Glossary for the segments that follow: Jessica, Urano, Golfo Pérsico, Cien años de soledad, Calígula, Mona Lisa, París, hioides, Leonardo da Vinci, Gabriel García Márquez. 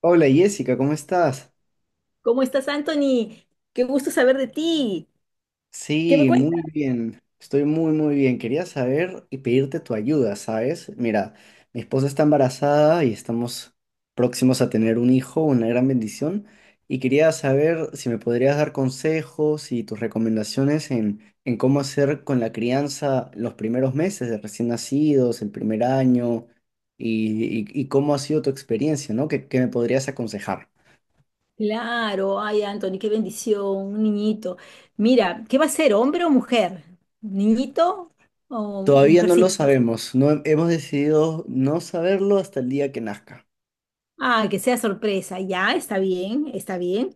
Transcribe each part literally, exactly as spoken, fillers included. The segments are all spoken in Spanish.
Hola Jessica, ¿cómo estás? ¿Cómo estás, Anthony? Qué gusto saber de ti. ¿Qué me Sí, cuentas? muy bien. Estoy muy, muy bien. Quería saber y pedirte tu ayuda, ¿sabes? Mira, mi esposa está embarazada y estamos próximos a tener un hijo, una gran bendición. Y quería saber si me podrías dar consejos y tus recomendaciones en, en cómo hacer con la crianza los primeros meses de recién nacidos, el primer año, y, y- y cómo ha sido tu experiencia, ¿no? ¿Qué, qué me podrías aconsejar? Claro, ay, Anthony, qué bendición, un niñito. Mira, ¿qué va a ser, hombre o mujer? ¿Niñito o Todavía no lo mujercita? sabemos, no hemos decidido no saberlo hasta el día que nazca. Ah, que sea sorpresa, ya, está bien, está bien.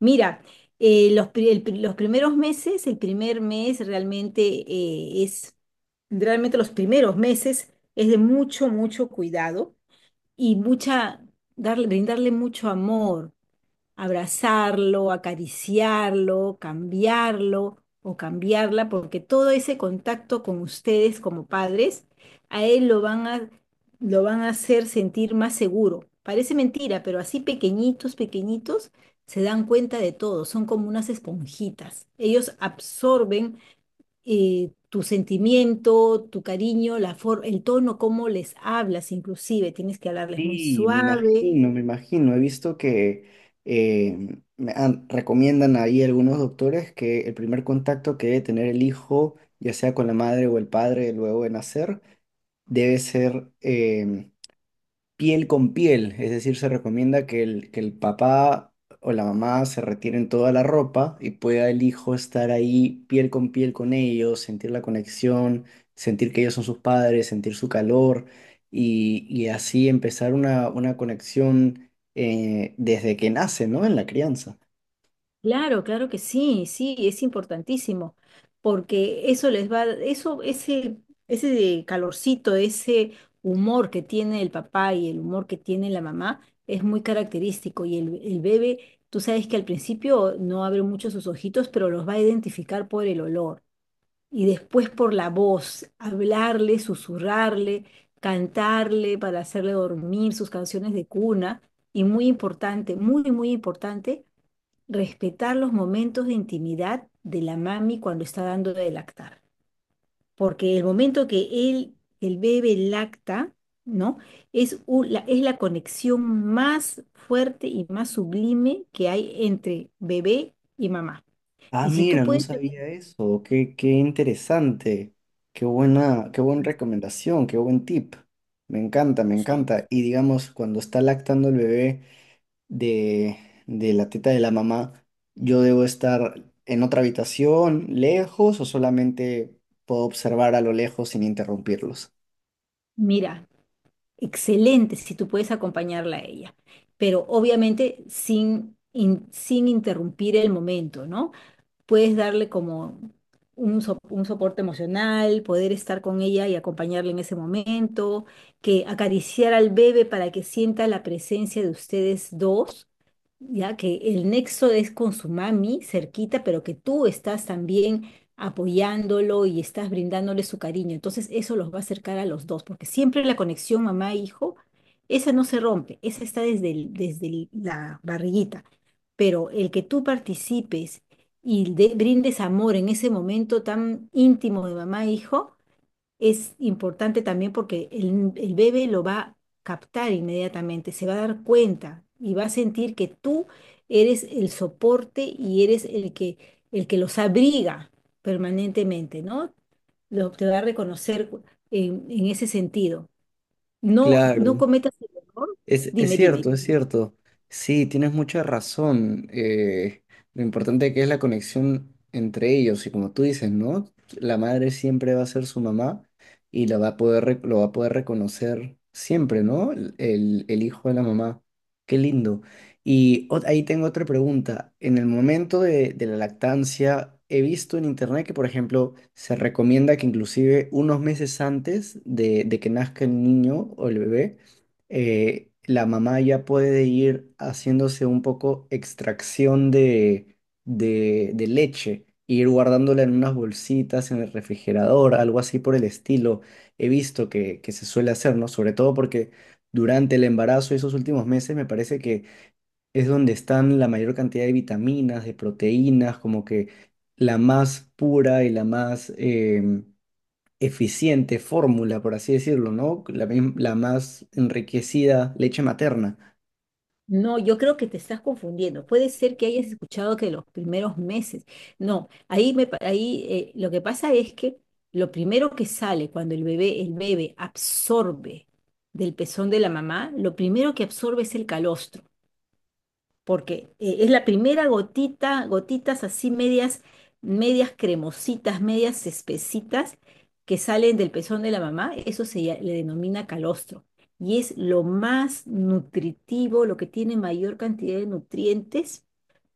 Mira, eh, los, pri- el pri- los primeros meses, el primer mes realmente eh, es, realmente los primeros meses es de mucho, mucho cuidado y mucha, darle, brindarle mucho amor. Abrazarlo, acariciarlo, cambiarlo o cambiarla, porque todo ese contacto con ustedes como padres, a él lo van a, lo van a hacer sentir más seguro. Parece mentira, pero así pequeñitos, pequeñitos, se dan cuenta de todo, son como unas esponjitas. Ellos absorben eh, tu sentimiento, tu cariño, la for- el tono, cómo les hablas, inclusive tienes que hablarles muy Sí, me suave. imagino, me imagino. He visto que eh, me han- recomiendan ahí algunos doctores que el primer contacto que debe tener el hijo, ya sea con la madre o el padre luego de nacer, debe ser em, piel con piel, es decir, se recomienda que el, que el papá o la mamá se retiren toda la ropa y pueda el hijo estar ahí piel con piel con ellos, sentir la conexión, sentir que ellos son sus padres, sentir su calor y, y así empezar una, una conexión eh, desde que nace, ¿no? En la crianza. Claro, claro que sí, sí, es importantísimo, porque eso les va, eso, ese, ese calorcito, ese humor que tiene el papá y el humor que tiene la mamá es muy característico. Y el, el bebé, tú sabes que al principio no abre mucho sus ojitos, pero los va a identificar por el olor y después por la voz, hablarle, susurrarle, cantarle para hacerle dormir sus canciones de cuna. Y muy importante, muy, muy importante respetar los momentos de intimidad de la mami cuando está dando de lactar, porque el momento que él, el bebé lacta, ¿no? Es, u- la, es la conexión más fuerte y más sublime que hay entre bebé y mamá. Ah, Y si tú mira, no puedes, sabía eso. Qué, qué interesante. Qué buena, qué buena recomendación, qué buen tip. Me encanta, me sí, encanta. Y digamos, cuando está lactando el bebé de, de la teta de la mamá, ¿yo debo estar en otra habitación, lejos, o solamente puedo observar a lo lejos sin interrumpirlos? mira, excelente si tú puedes acompañarla a ella, pero obviamente sin, in- sin interrumpir el momento, ¿no? Puedes darle como un, so- un soporte emocional, poder estar con ella y acompañarla en ese momento, que acariciar al bebé para que sienta la presencia de ustedes dos ya que el nexo es con su mami cerquita, pero que tú estás también apoyándolo y estás brindándole su cariño. Entonces eso los va a acercar a los dos, porque siempre la conexión mamá-hijo, esa no se rompe, esa está desde el- desde el- la barriguita. Pero el que tú participes y de- brindes amor en ese momento tan íntimo de mamá-hijo, es importante también porque el, el bebé lo va a captar inmediatamente, se va a dar cuenta y va a sentir que tú eres el soporte y eres el que, el que los abriga permanentemente, ¿no? Lo, te va a reconocer en, en ese sentido. No, no Claro. cometas el error. Es, es Dime, dime. cierto, es cierto. Sí, tienes mucha razón. Eh, lo importante que es la conexión entre ellos. Y como tú dices, ¿no? La madre siempre va a ser su mamá y la va a poder, rec- lo va a poder reconocer siempre, ¿no? El, el- el hijo de la mamá. Qué lindo. Y ot- ahí tengo otra pregunta. En el momento de, de la lactancia, he visto en internet que, por ejemplo, se recomienda que inclusive unos meses antes de de que nazca el niño o el bebé, eh, la mamá ya puede ir haciéndose un poco extracción de, de, de leche, ir guardándola en unas bolsitas en el refrigerador, algo así por el estilo. He visto que, que se suele hacer, ¿no? Sobre todo porque durante el embarazo y esos últimos meses me parece que es donde están la mayor cantidad de vitaminas, de proteínas, como que la más pura y la más... em, eficiente fórmula, por así decirlo, ¿no? La, mim- la más enriquecida leche materna. No, yo creo que te estás confundiendo. Puede ser que hayas escuchado que los primeros meses. No, ahí, me, pa- ahí eh, lo que pasa es que lo primero que sale cuando el bebé, el bebé absorbe del pezón de la mamá, lo primero que absorbe es el calostro porque eh, es la primera gotita, gotitas así medias, medias cremositas, medias espesitas que salen del pezón de la mamá, eso se ya- le denomina calostro. Y es lo más nutritivo, lo que tiene mayor cantidad de nutrientes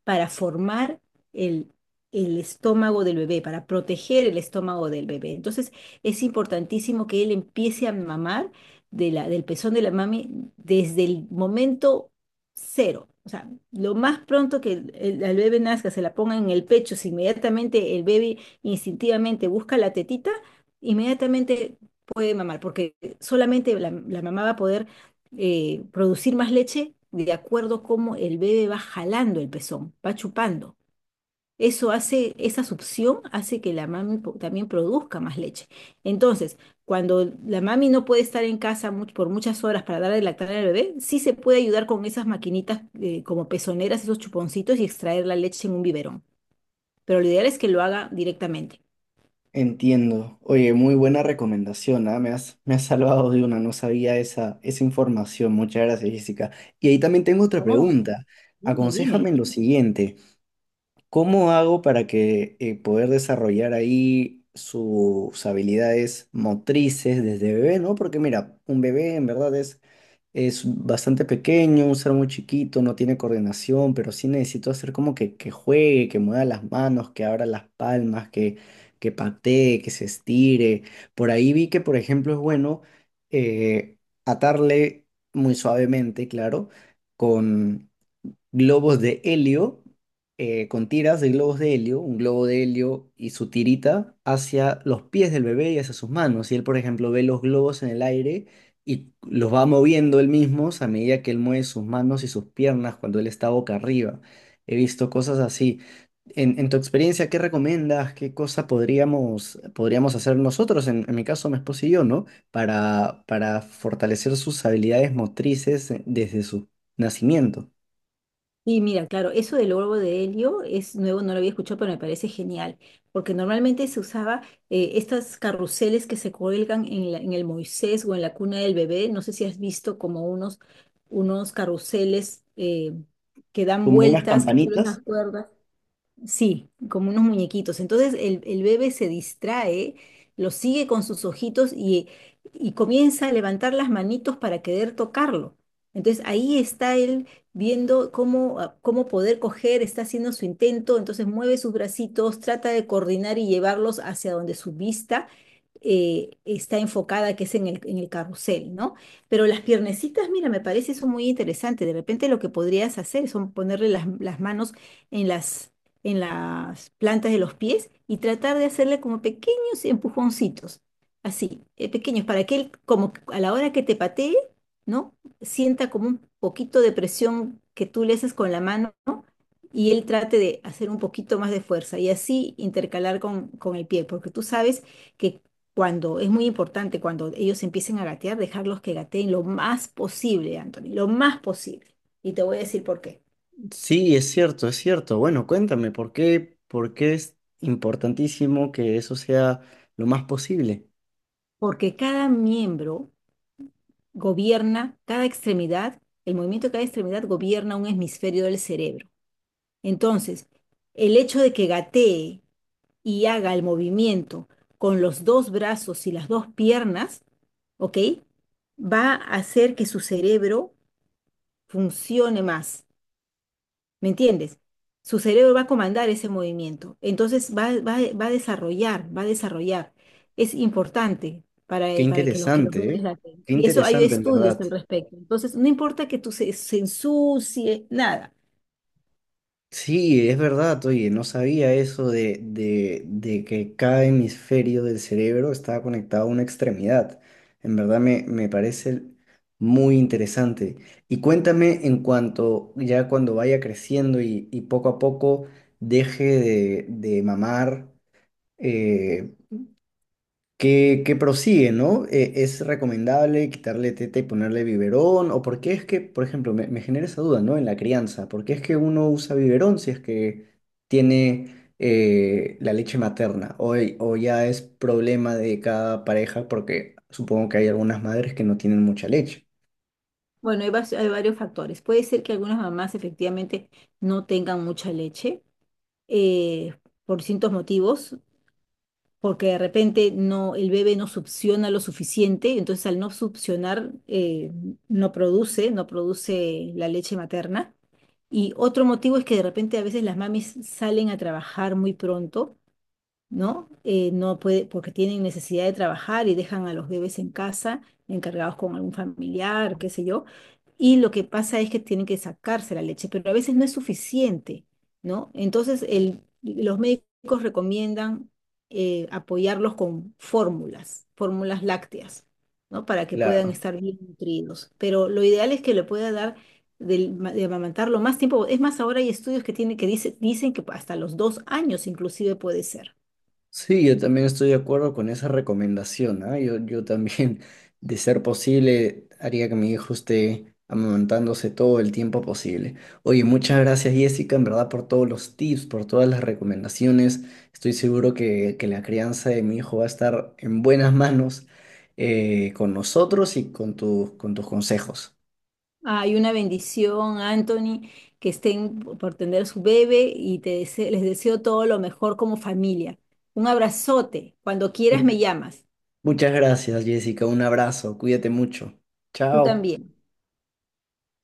para formar el, el estómago del bebé, para proteger el estómago del bebé. Entonces, es importantísimo que él empiece a mamar de la, del pezón de la mami desde el momento cero. O sea, lo más pronto que el, el- el bebé nazca, se la ponga en el pecho, si inmediatamente el bebé instintivamente busca la tetita, inmediatamente puede mamar, porque solamente la, la mamá va a poder eh, producir más leche de acuerdo a cómo el bebé va jalando el pezón, va chupando. Eso hace, esa succión hace que la mami po- también produzca más leche. Entonces, cuando la mami no puede estar en casa mu- por muchas horas para dar de lactar al bebé, sí se puede ayudar con esas maquinitas eh, como pezoneras, esos chuponcitos y extraer la leche en un biberón. Pero lo ideal es que lo haga directamente. Entiendo. Oye, muy buena recomendación, ¿ah? Me has, me has salvado de una, no sabía esa, esa información. Muchas gracias, Jessica. Y ahí también tengo otra No, pregunta. dime, Aconséjame dime. en lo siguiente. ¿Cómo hago para que eh, poder desarrollar ahí sus habilidades motrices desde bebé, ¿no? Porque mira, un bebé en verdad es. Es bastante pequeño, un ser muy chiquito, no tiene coordinación, pero sí necesito hacer como que, que juegue, que mueva las manos, que abra las palmas, que, que patee, que se estire. Por ahí vi que, por ejemplo, es bueno eh, atarle muy suavemente, claro, con globos de helio, eh, con tiras de globos de helio, un globo de helio y su tirita hacia los pies del bebé y hacia sus manos. Y él, por ejemplo, ve los globos en el aire y los va moviendo él mismo a medida que él mueve sus manos y sus piernas cuando él está boca arriba. He visto cosas así. En, en tu experiencia, ¿qué recomiendas? ¿Qué cosa podríamos, podríamos hacer nosotros, en, en mi caso, mi esposo y yo, ¿no? Para, para fortalecer sus habilidades motrices eh, desde su nacimiento. Sí, mira, claro, eso del globo de helio es nuevo, no lo había escuchado, pero me parece genial, porque normalmente se usaba eh, estas carruseles que se cuelgan en, la- en el Moisés o en la cuna del bebé, no sé si has visto como unos, unos carruseles eh, que dan Como unas vueltas, que tú las. campanitas. Sí, como unos muñequitos. Entonces el, el bebé se distrae, lo sigue con sus ojitos y, y comienza a levantar las manitos para querer tocarlo. Entonces ahí está él viendo cómo, ah, cómo poder coger, está haciendo su intento, entonces mueve sus bracitos, trata de coordinar y llevarlos hacia donde su vista eh, está enfocada, que es en el, en el carrusel, ¿no? Pero las piernecitas, mira, me parece eso muy interesante. De repente lo que podrías hacer son ponerle las, las manos en las, en las plantas de los pies y tratar de hacerle como pequeños empujoncitos, así, eh, pequeños, para que él, como que a la hora que te patee, ¿no? Sienta como un poquito de presión que tú le haces con la mano, ¿no? Y él trate de hacer un poquito más de fuerza y así intercalar con, con el pie, porque tú sabes que cuando es muy importante, cuando ellos empiecen a gatear, dejarlos que gateen lo más posible, Anthony, lo más posible. Y te voy a decir por qué. Sí, es cierto, es cierto. Bueno, cuéntame, ¿por qué, por qué es importantísimo que eso sea lo más posible? Porque cada miembro gobierna cada extremidad, el movimiento de cada extremidad gobierna un hemisferio del cerebro. Entonces, el hecho de que gatee y haga el movimiento con los dos brazos y las dos piernas, ¿ok? Va a hacer que su cerebro funcione más. ¿Me entiendes? Su cerebro va a comandar ese movimiento. Entonces va, va- va a desarrollar, va a desarrollar. Es importante para, Qué eh, para que los que los vean interesante, les ¿eh? late. Qué Y eso hay interesante, en estudios verdad. al respecto. Entonces, no importa que tú se, se ensucie, nada. Sí, es verdad, oye, no sabía eso de, de, de que cada hemisferio del cerebro estaba conectado a una extremidad. En verdad me, me parece muy interesante. Y cuéntame en cuanto, ya cuando vaya creciendo y, y poco a poco deje de, de mamar, eh, que, que prosigue, ¿no? Eh, ¿es recomendable quitarle teta y ponerle biberón? ¿O por qué es que, por ejemplo, me, me genera esa duda, ¿no? En la crianza, ¿por qué es que uno usa biberón si es que tiene eh, la leche materna? O, o ya es problema de cada pareja porque supongo que hay algunas madres que no tienen mucha leche. Bueno, hay, vas- hay varios factores. Puede ser que algunas mamás efectivamente no tengan mucha leche eh, por distintos motivos. Porque de repente no, el bebé no succiona lo suficiente, entonces al no succionar eh, no produce, no produce la leche materna. Y otro motivo es que de repente a veces las mamis salen a trabajar muy pronto, ¿no? Eh, no puede, porque tienen necesidad de trabajar y dejan a los bebés en casa, encargados con algún familiar, qué sé yo, y lo que pasa es que tienen que sacarse la leche, pero a veces no es suficiente, ¿no? Entonces, el, los médicos recomiendan eh, apoyarlos con fórmulas, fórmulas lácteas, ¿no? Para que puedan Claro. estar bien nutridos, pero lo ideal es que le pueda dar... del ma- De, amamantarlo más tiempo. Es más, ahora hay estudios que, tiene, que dice- dicen que hasta los dos años inclusive puede ser. Sí, yo también estoy de acuerdo con esa recomendación, ¿ah? Yo, yo también, de ser posible, haría que mi hijo esté amamantándose todo el tiempo posible. Oye, muchas gracias, Jessica, en verdad, por todos los tips, por todas las recomendaciones. Estoy seguro que, que la crianza de mi hijo va a estar en buenas manos eh, con nosotros y con tus con tus consejos. Hay una bendición, Anthony, que estén por tener su bebé y te dese- les deseo todo lo mejor como familia. Un abrazote. Cuando quieras me llamas. Muchas gracias, Jessica. Un abrazo. Cuídate mucho. Tú Chao. también.